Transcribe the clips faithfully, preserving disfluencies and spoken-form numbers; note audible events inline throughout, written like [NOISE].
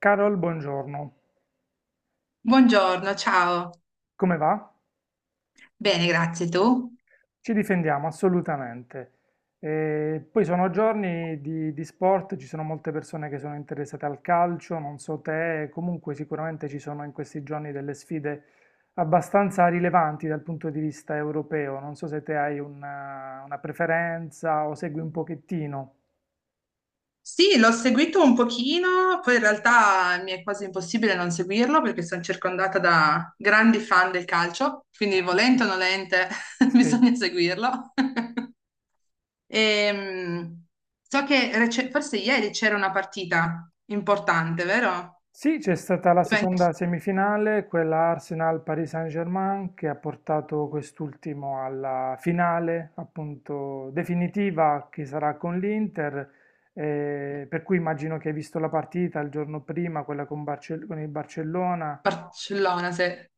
Carol, buongiorno. Buongiorno, ciao. Come va? Bene, grazie. Tu? Ci difendiamo assolutamente. E poi sono giorni di, di sport, ci sono molte persone che sono interessate al calcio, non so te, comunque sicuramente ci sono in questi giorni delle sfide abbastanza rilevanti dal punto di vista europeo. Non so se te hai una, una preferenza o segui un pochettino. Sì, l'ho seguito un pochino, poi in realtà mi è quasi impossibile non seguirlo perché sono circondata da grandi fan del calcio, quindi volente o nolente [LAUGHS] Sì. bisogna seguirlo. [LAUGHS] Ehm, so che rece- forse ieri c'era una partita importante, vero? Sì, c'è stata la Juventus- seconda semifinale, quella Arsenal-Paris Saint-Germain, che ha portato quest'ultimo alla finale, appunto, definitiva, che sarà con l'Inter, eh, per cui immagino che hai visto la partita il giorno prima, quella con, Barce- con il Barcellona, Barcellona, se...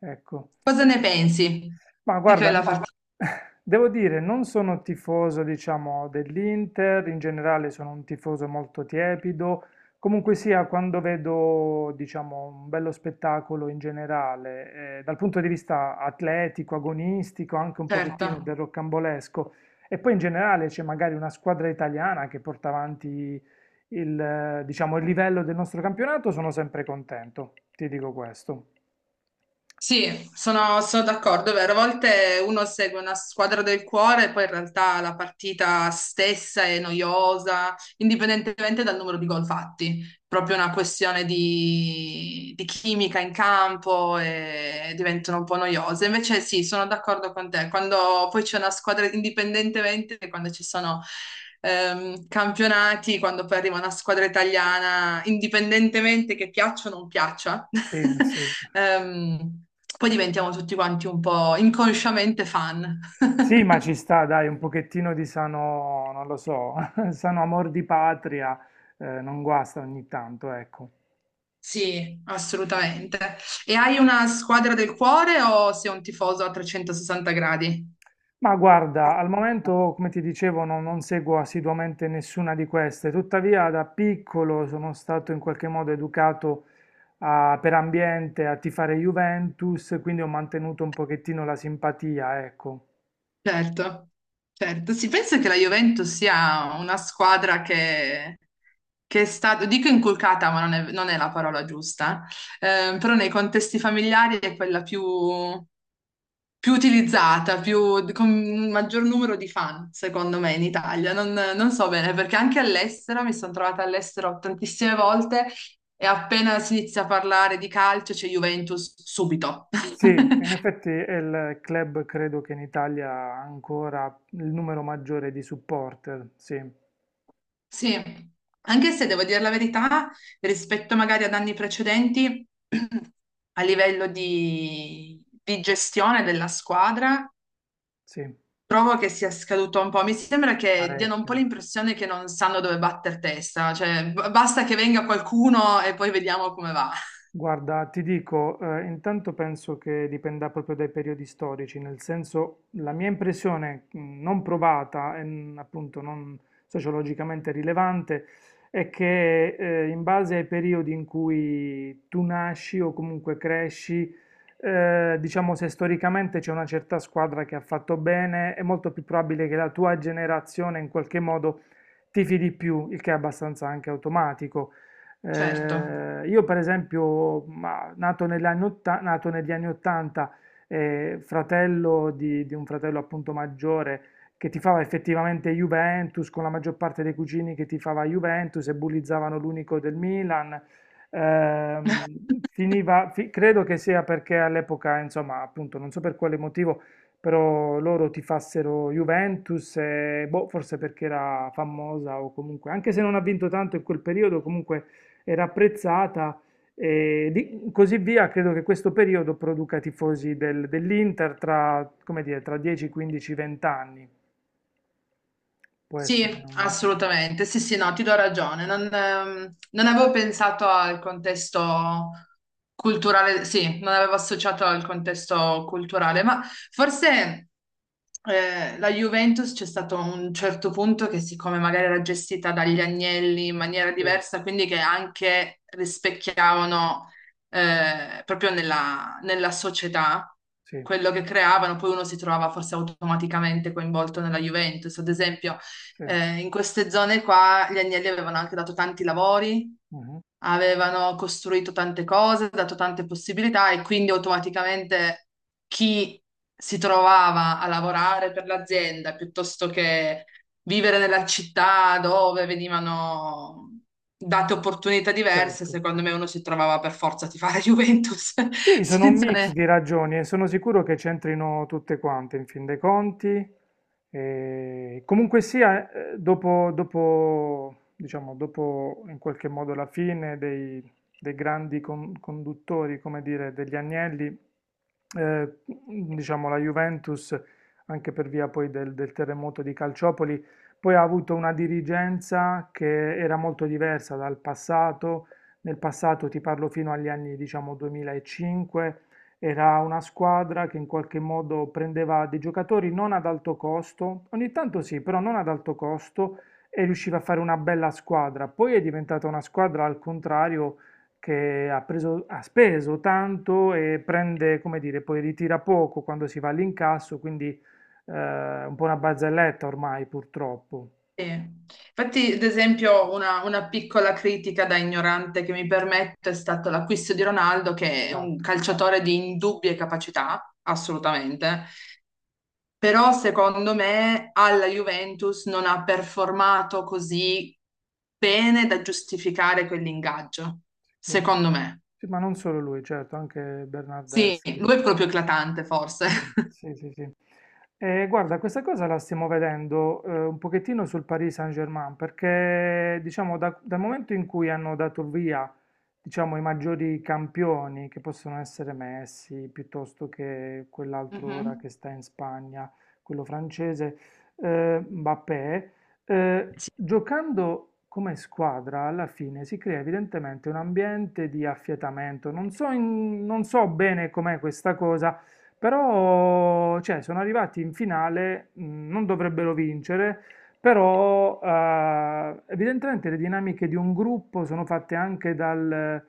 ecco. Cosa ne pensi Ma di guarda, quella n- partita? [LAUGHS] devo dire, non sono tifoso, diciamo, dell'Inter, in generale sono un tifoso molto tiepido. Comunque sia, quando vedo, diciamo, un bello spettacolo in generale, eh, dal punto di vista atletico, agonistico, anche un Certo. pochettino del rocambolesco, e poi in generale c'è magari una squadra italiana che porta avanti il, eh, diciamo, il livello del nostro campionato, sono sempre contento, ti dico questo. Sì, sono, sono d'accordo, è vero. A volte uno segue una squadra del cuore e poi in realtà la partita stessa è noiosa, indipendentemente dal numero di gol fatti proprio una questione di, di chimica in campo e diventano un po' noiose. Invece sì, sono d'accordo con te. Quando poi c'è una squadra, indipendentemente, quando ci sono ehm, campionati, quando poi arriva una squadra italiana, indipendentemente che piaccia o non piaccia, Sì, sì. [LAUGHS] ehm, poi diventiamo tutti quanti un po' inconsciamente fan. Sì, ma [LAUGHS] ci sta, dai, un pochettino di sano, non lo so, [LAUGHS] sano amor di patria, eh, non guasta ogni tanto, ecco. Sì, assolutamente. E hai una squadra del cuore o sei un tifoso a trecentosessanta gradi? Ma guarda, al momento, come ti dicevo, non, non seguo assiduamente nessuna di queste, tuttavia da piccolo sono stato in qualche modo educato a- per ambiente a tifare Juventus, quindi ho mantenuto un pochettino la simpatia, ecco. Certo, certo. Si pensa che la Juventus sia una squadra che, che è stata, dico inculcata, ma non è, non è la parola giusta, eh, però nei contesti familiari è quella più, più utilizzata, più, con un maggior numero di fan, secondo me, in Italia. Non, non so bene, perché anche all'estero, mi sono trovata all'estero tantissime volte e appena si inizia a parlare di calcio c'è Juventus subito. [LAUGHS] Sì, in effetti è il club credo che in Italia ha ancora il numero maggiore di supporter, sì, Sì, anche se devo dire la verità, rispetto magari ad anni precedenti, [CLEARS THROAT] a livello di, di gestione della squadra, sì. trovo che sia scaduto un po'. Mi sembra che diano un po' Parecchio. l'impressione che non sanno dove batter testa, cioè b- basta che venga qualcuno e poi vediamo come va. Guarda, ti dico, eh, intanto penso che dipenda proprio dai periodi storici, nel senso la mia impressione mh, non provata e mh, appunto non sociologicamente rilevante è che eh, in base ai periodi in cui tu nasci o comunque cresci, eh, diciamo se storicamente c'è una certa squadra che ha fatto bene, è molto più probabile che la tua generazione in qualche modo tifi di più, il che è abbastanza anche automatico. Certo. Eh, io per esempio, ma, nato negli anni otta- nato negli anni ottanta, eh, fratello di, di un fratello appunto maggiore che tifava effettivamente Juventus, con la maggior parte dei cugini che tifava Juventus e bullizzavano l'unico del Milan. Ehm, [LAUGHS] finiva, fi- credo che sia perché all'epoca, insomma, appunto, non so per quale motivo, però loro tifassero Juventus, e, boh, forse perché era famosa o comunque, anche se non ha vinto tanto in quel periodo, comunque era apprezzata e di- così via. Credo che questo periodo produca tifosi del- dell'Inter tra, come dire, tra dieci, quindici, venti anni. Può essere Sì, un motivo. assolutamente. Sì, sì, no, ti do ragione. Non, ehm, non avevo pensato al contesto culturale, sì, non avevo associato al contesto culturale, ma forse eh, la Juventus c'è stato un certo punto che, siccome magari era gestita dagli Agnelli in maniera Sì, diversa, quindi che anche rispecchiavano eh, proprio nella, nella società sì, quello che creavano, poi uno si trovava forse automaticamente coinvolto nella Juventus, ad esempio sì. eh, in queste zone qua gli Agnelli avevano anche dato tanti lavori, Mhm. avevano costruito tante cose, dato tante possibilità e quindi automaticamente chi si trovava a lavorare per l'azienda piuttosto che vivere nella città dove venivano date opportunità diverse, Certo. secondo me uno si trovava per forza a tifare Juventus [LAUGHS] Sì, sono un senza, mix ne- di ragioni e sono sicuro che c'entrino tutte quante in fin dei conti. E comunque sia, eh, dopo, dopo, diciamo, dopo in qualche modo la fine dei, dei grandi con- conduttori, come dire, degli Agnelli, eh, diciamo, la Juventus, anche per via poi del, del terremoto di Calciopoli, poi ha avuto una dirigenza che era molto diversa dal passato. Nel passato, ti parlo fino agli anni diciamo duemilacinque, era una squadra che in qualche modo prendeva dei giocatori non ad alto costo, ogni tanto sì, però non ad alto costo e riusciva a fare una bella squadra. Poi è diventata una squadra al contrario che ha preso- ha speso tanto e prende, come dire, poi ritira poco quando si va all'incasso, quindi eh, un po' una barzelletta ormai purtroppo. Sì. Infatti, ad esempio, una, una piccola critica da ignorante che mi permetto è stato l'acquisto di Ronaldo, che è un Esatto. calciatore di indubbie capacità, assolutamente, però secondo me alla Juventus non ha performato così bene da giustificare quell'ingaggio, Muro. secondo me. Sì, ma non solo lui, certo, anche Sì, Bernardeschi. lui è proprio eclatante, forse. Sì, sì, sì. Sì. Eh, guarda, questa cosa la stiamo vedendo eh, un pochettino sul Paris Saint-Germain, perché diciamo da- dal momento in cui hanno dato via, diciamo, i maggiori campioni, che possono essere Messi, piuttosto che quell'altro ora che [LAUGHS] sta in Spagna, quello francese, eh, Mbappé, eh, Mhm. giocando come squadra alla fine si crea evidentemente un ambiente di affiatamento. Non so, in- non so bene com'è questa cosa però, cioè, sono arrivati in finale, mh, non dovrebbero vincere, però eh, evidentemente le dinamiche di un gruppo sono fatte anche dal,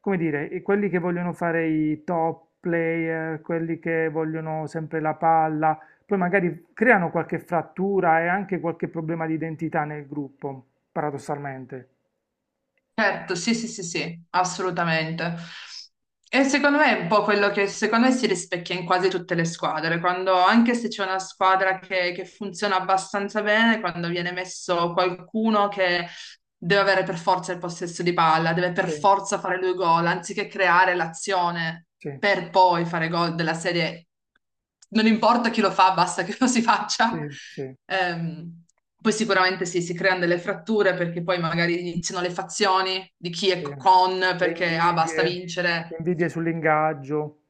come dire, i- quelli che vogliono fare i top player, quelli che vogliono sempre la palla, poi magari creano qualche frattura e anche qualche problema di identità nel gruppo, paradossalmente. Certo, sì, sì, sì, sì, assolutamente. E secondo me è un po' quello che secondo me si rispecchia in quasi tutte le squadre, quando anche se c'è una squadra che, che funziona abbastanza bene, quando viene messo qualcuno che deve avere per forza il possesso di palla, deve per Sì, forza fare lui gol, anziché creare l'azione sì, per poi fare gol della serie. Non importa chi lo fa, basta che [LAUGHS] lo si faccia. sì, sì, Ehm, poi sicuramente sì, si creano delle fratture perché poi magari iniziano le fazioni di chi è sì. con, Le perché ah, basta invidie, le vincere. invidie sull'ingaggio.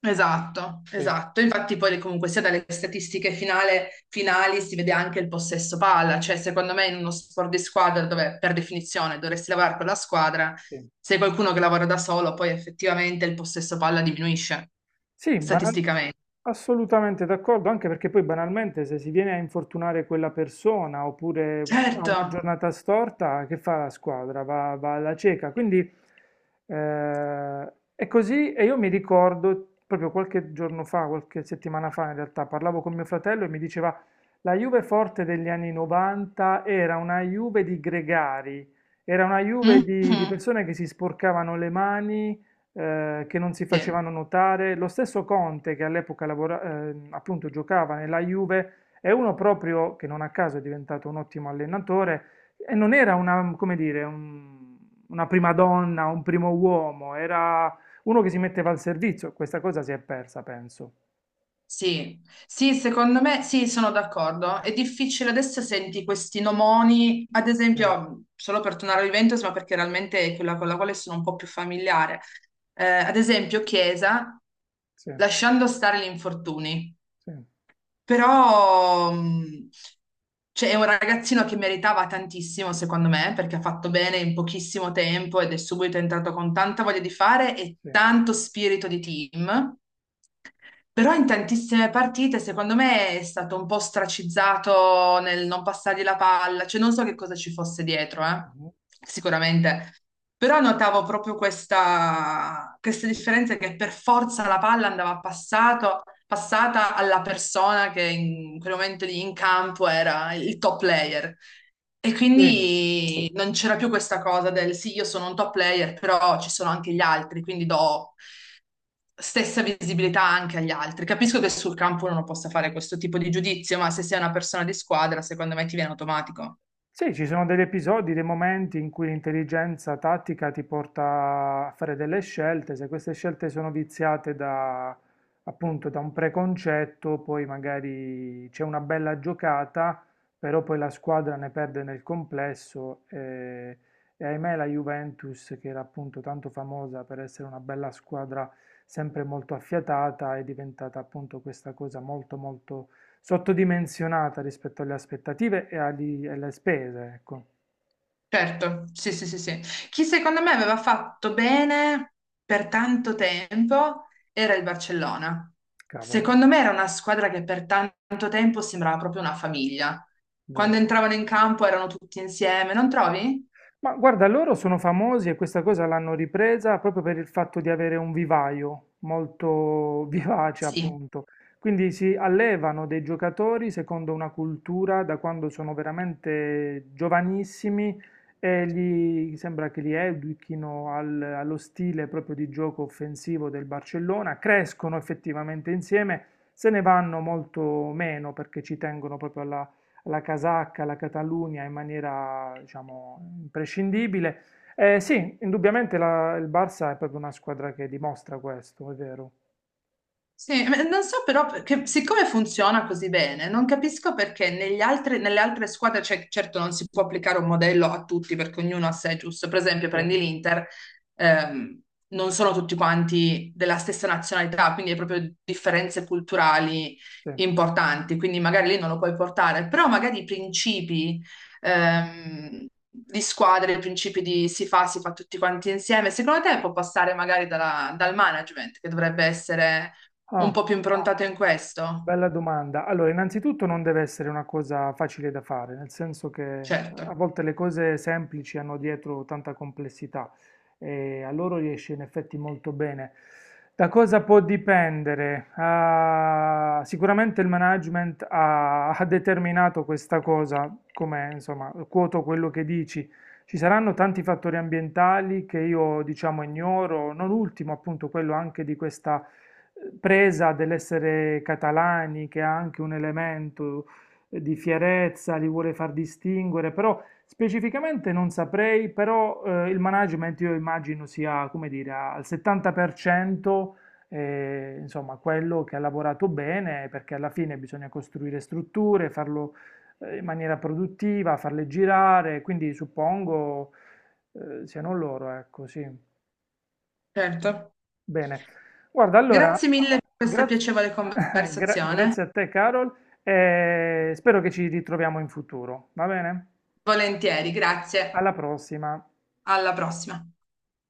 Esatto, Sì, esatto. Infatti poi comunque sia dalle statistiche finale- finali si vede anche il possesso palla, cioè secondo me in uno sport di squadra dove per definizione dovresti lavorare con la squadra, sì. se hai qualcuno che lavora da solo poi effettivamente il possesso palla diminuisce Sì, banal- statisticamente. assolutamente d'accordo, anche perché poi banalmente se si viene a infortunare quella persona oppure ha Certo. una giornata storta, che fa la squadra? Va, va alla cieca. Quindi eh, è così e io mi ricordo proprio qualche giorno fa, qualche settimana fa in realtà, parlavo con mio fratello e mi diceva la Juve forte degli anni novanta era una Juve di gregari. Era una Juve di, di Mhm. persone che si sporcavano le mani, eh, che non si Sì. facevano notare. Lo stesso Conte, che all'epoca lavora- eh, appunto giocava nella Juve, è uno proprio che non a caso è diventato un ottimo allenatore e non era una, come dire, un- una prima donna, un primo uomo, era uno che si metteva al servizio. Questa cosa si è persa, penso. Sì, sì, secondo me sì, sono d'accordo. È difficile adesso senti questi nomoni, ad Sì, esempio, solo per tornare al Juventus, ma perché realmente è quella con la quale sono un po' più familiare. Eh, ad esempio, Chiesa, sì, lasciando stare gli infortuni, sì, però mh, cioè, è un ragazzino che meritava tantissimo, secondo me, perché ha fatto bene in pochissimo tempo ed è subito entrato con tanta voglia di fare e sì. tanto spirito di team. Però in tantissime partite, secondo me, è stato un po' stracizzato nel non passargli la palla, cioè non so che cosa ci fosse dietro, eh, Mhm. sicuramente. Però notavo proprio questa, questa differenza che per forza la palla andava passato- passata alla persona che in quel momento lì in campo era il top player. E Sì, quindi non c'era più questa cosa del sì, io sono un top player, però ci sono anche gli altri, quindi do stessa visibilità anche agli altri. Capisco che sul campo uno non possa fare questo tipo di giudizio, ma se sei una persona di squadra, secondo me ti viene automatico. sì, ci sono degli episodi, dei momenti in cui l'intelligenza tattica ti porta a fare delle scelte, se queste scelte sono viziate da, appunto, da un preconcetto, poi magari c'è una bella giocata, però poi la squadra ne perde nel complesso e, e ahimè la Juventus, che era appunto tanto famosa per essere una bella squadra sempre molto affiatata, è diventata appunto questa cosa molto molto sottodimensionata rispetto alle aspettative e agli- alle spese, ecco, Certo, sì, sì, sì, sì. Chi secondo me aveva fatto bene per tanto tempo era il Barcellona. cavolo, Secondo me era una squadra che per tanto tempo sembrava proprio una famiglia. Quando vero. entravano in campo erano tutti insieme, non trovi? Ma guarda, loro sono famosi e questa cosa l'hanno ripresa proprio per il fatto di avere un vivaio molto [LAUGHS] vivace, Sì, appunto. Quindi si allevano dei giocatori secondo una cultura da quando sono veramente giovanissimi e gli sembra che li educhino al- allo stile proprio di gioco offensivo del Barcellona, crescono effettivamente insieme, se ne vanno molto meno perché ci tengono proprio alla la casacca, la Catalunya in maniera, diciamo, imprescindibile. Eh, sì, indubbiamente la- il Barça è proprio una squadra che dimostra questo, è vero. sì, ma non so però, perché- siccome funziona così bene, non capisco perché negli altri- nelle altre squadre, cioè, certo non si può applicare un modello a tutti perché ognuno ha sé giusto. Per esempio, Sì, prendi l'Inter, ehm, non sono tutti quanti della stessa nazionalità, quindi hai proprio differenze culturali sì. importanti, quindi magari lì non lo puoi portare, però magari i principi, ehm, di squadre, i principi di si fa, si fa tutti quanti insieme, secondo te può passare magari dalla- dal management, che dovrebbe essere un Ah. po' più improntato in questo? Bella domanda. Allora, innanzitutto non deve essere una cosa facile da fare, nel senso che Certo, a volte le cose semplici hanno dietro tanta complessità e a loro riesce in effetti molto bene. Da cosa può dipendere? Ah, sicuramente il management ha, ha determinato questa cosa, come insomma, quoto quello che dici. Ci saranno tanti fattori ambientali che io diciamo ignoro, non ultimo appunto quello anche di questa presa dell'essere catalani, che ha anche un elemento di fierezza, li vuole far distinguere, però specificamente non saprei, però eh, il management io immagino sia, come dire, a- al settanta per cento, eh, insomma, quello che ha lavorato bene, perché alla fine bisogna costruire strutture, farlo eh, in maniera produttiva, farle girare, quindi suppongo eh, siano loro, ecco, sì. certo. Bene, guarda, allora, Grazie mille per questa gra- piacevole [LAUGHS] gra- conversazione. grazie a te, Carol, e spero che ci ritroviamo in futuro, va bene? Volentieri, grazie. Alla prossima. Alla prossima.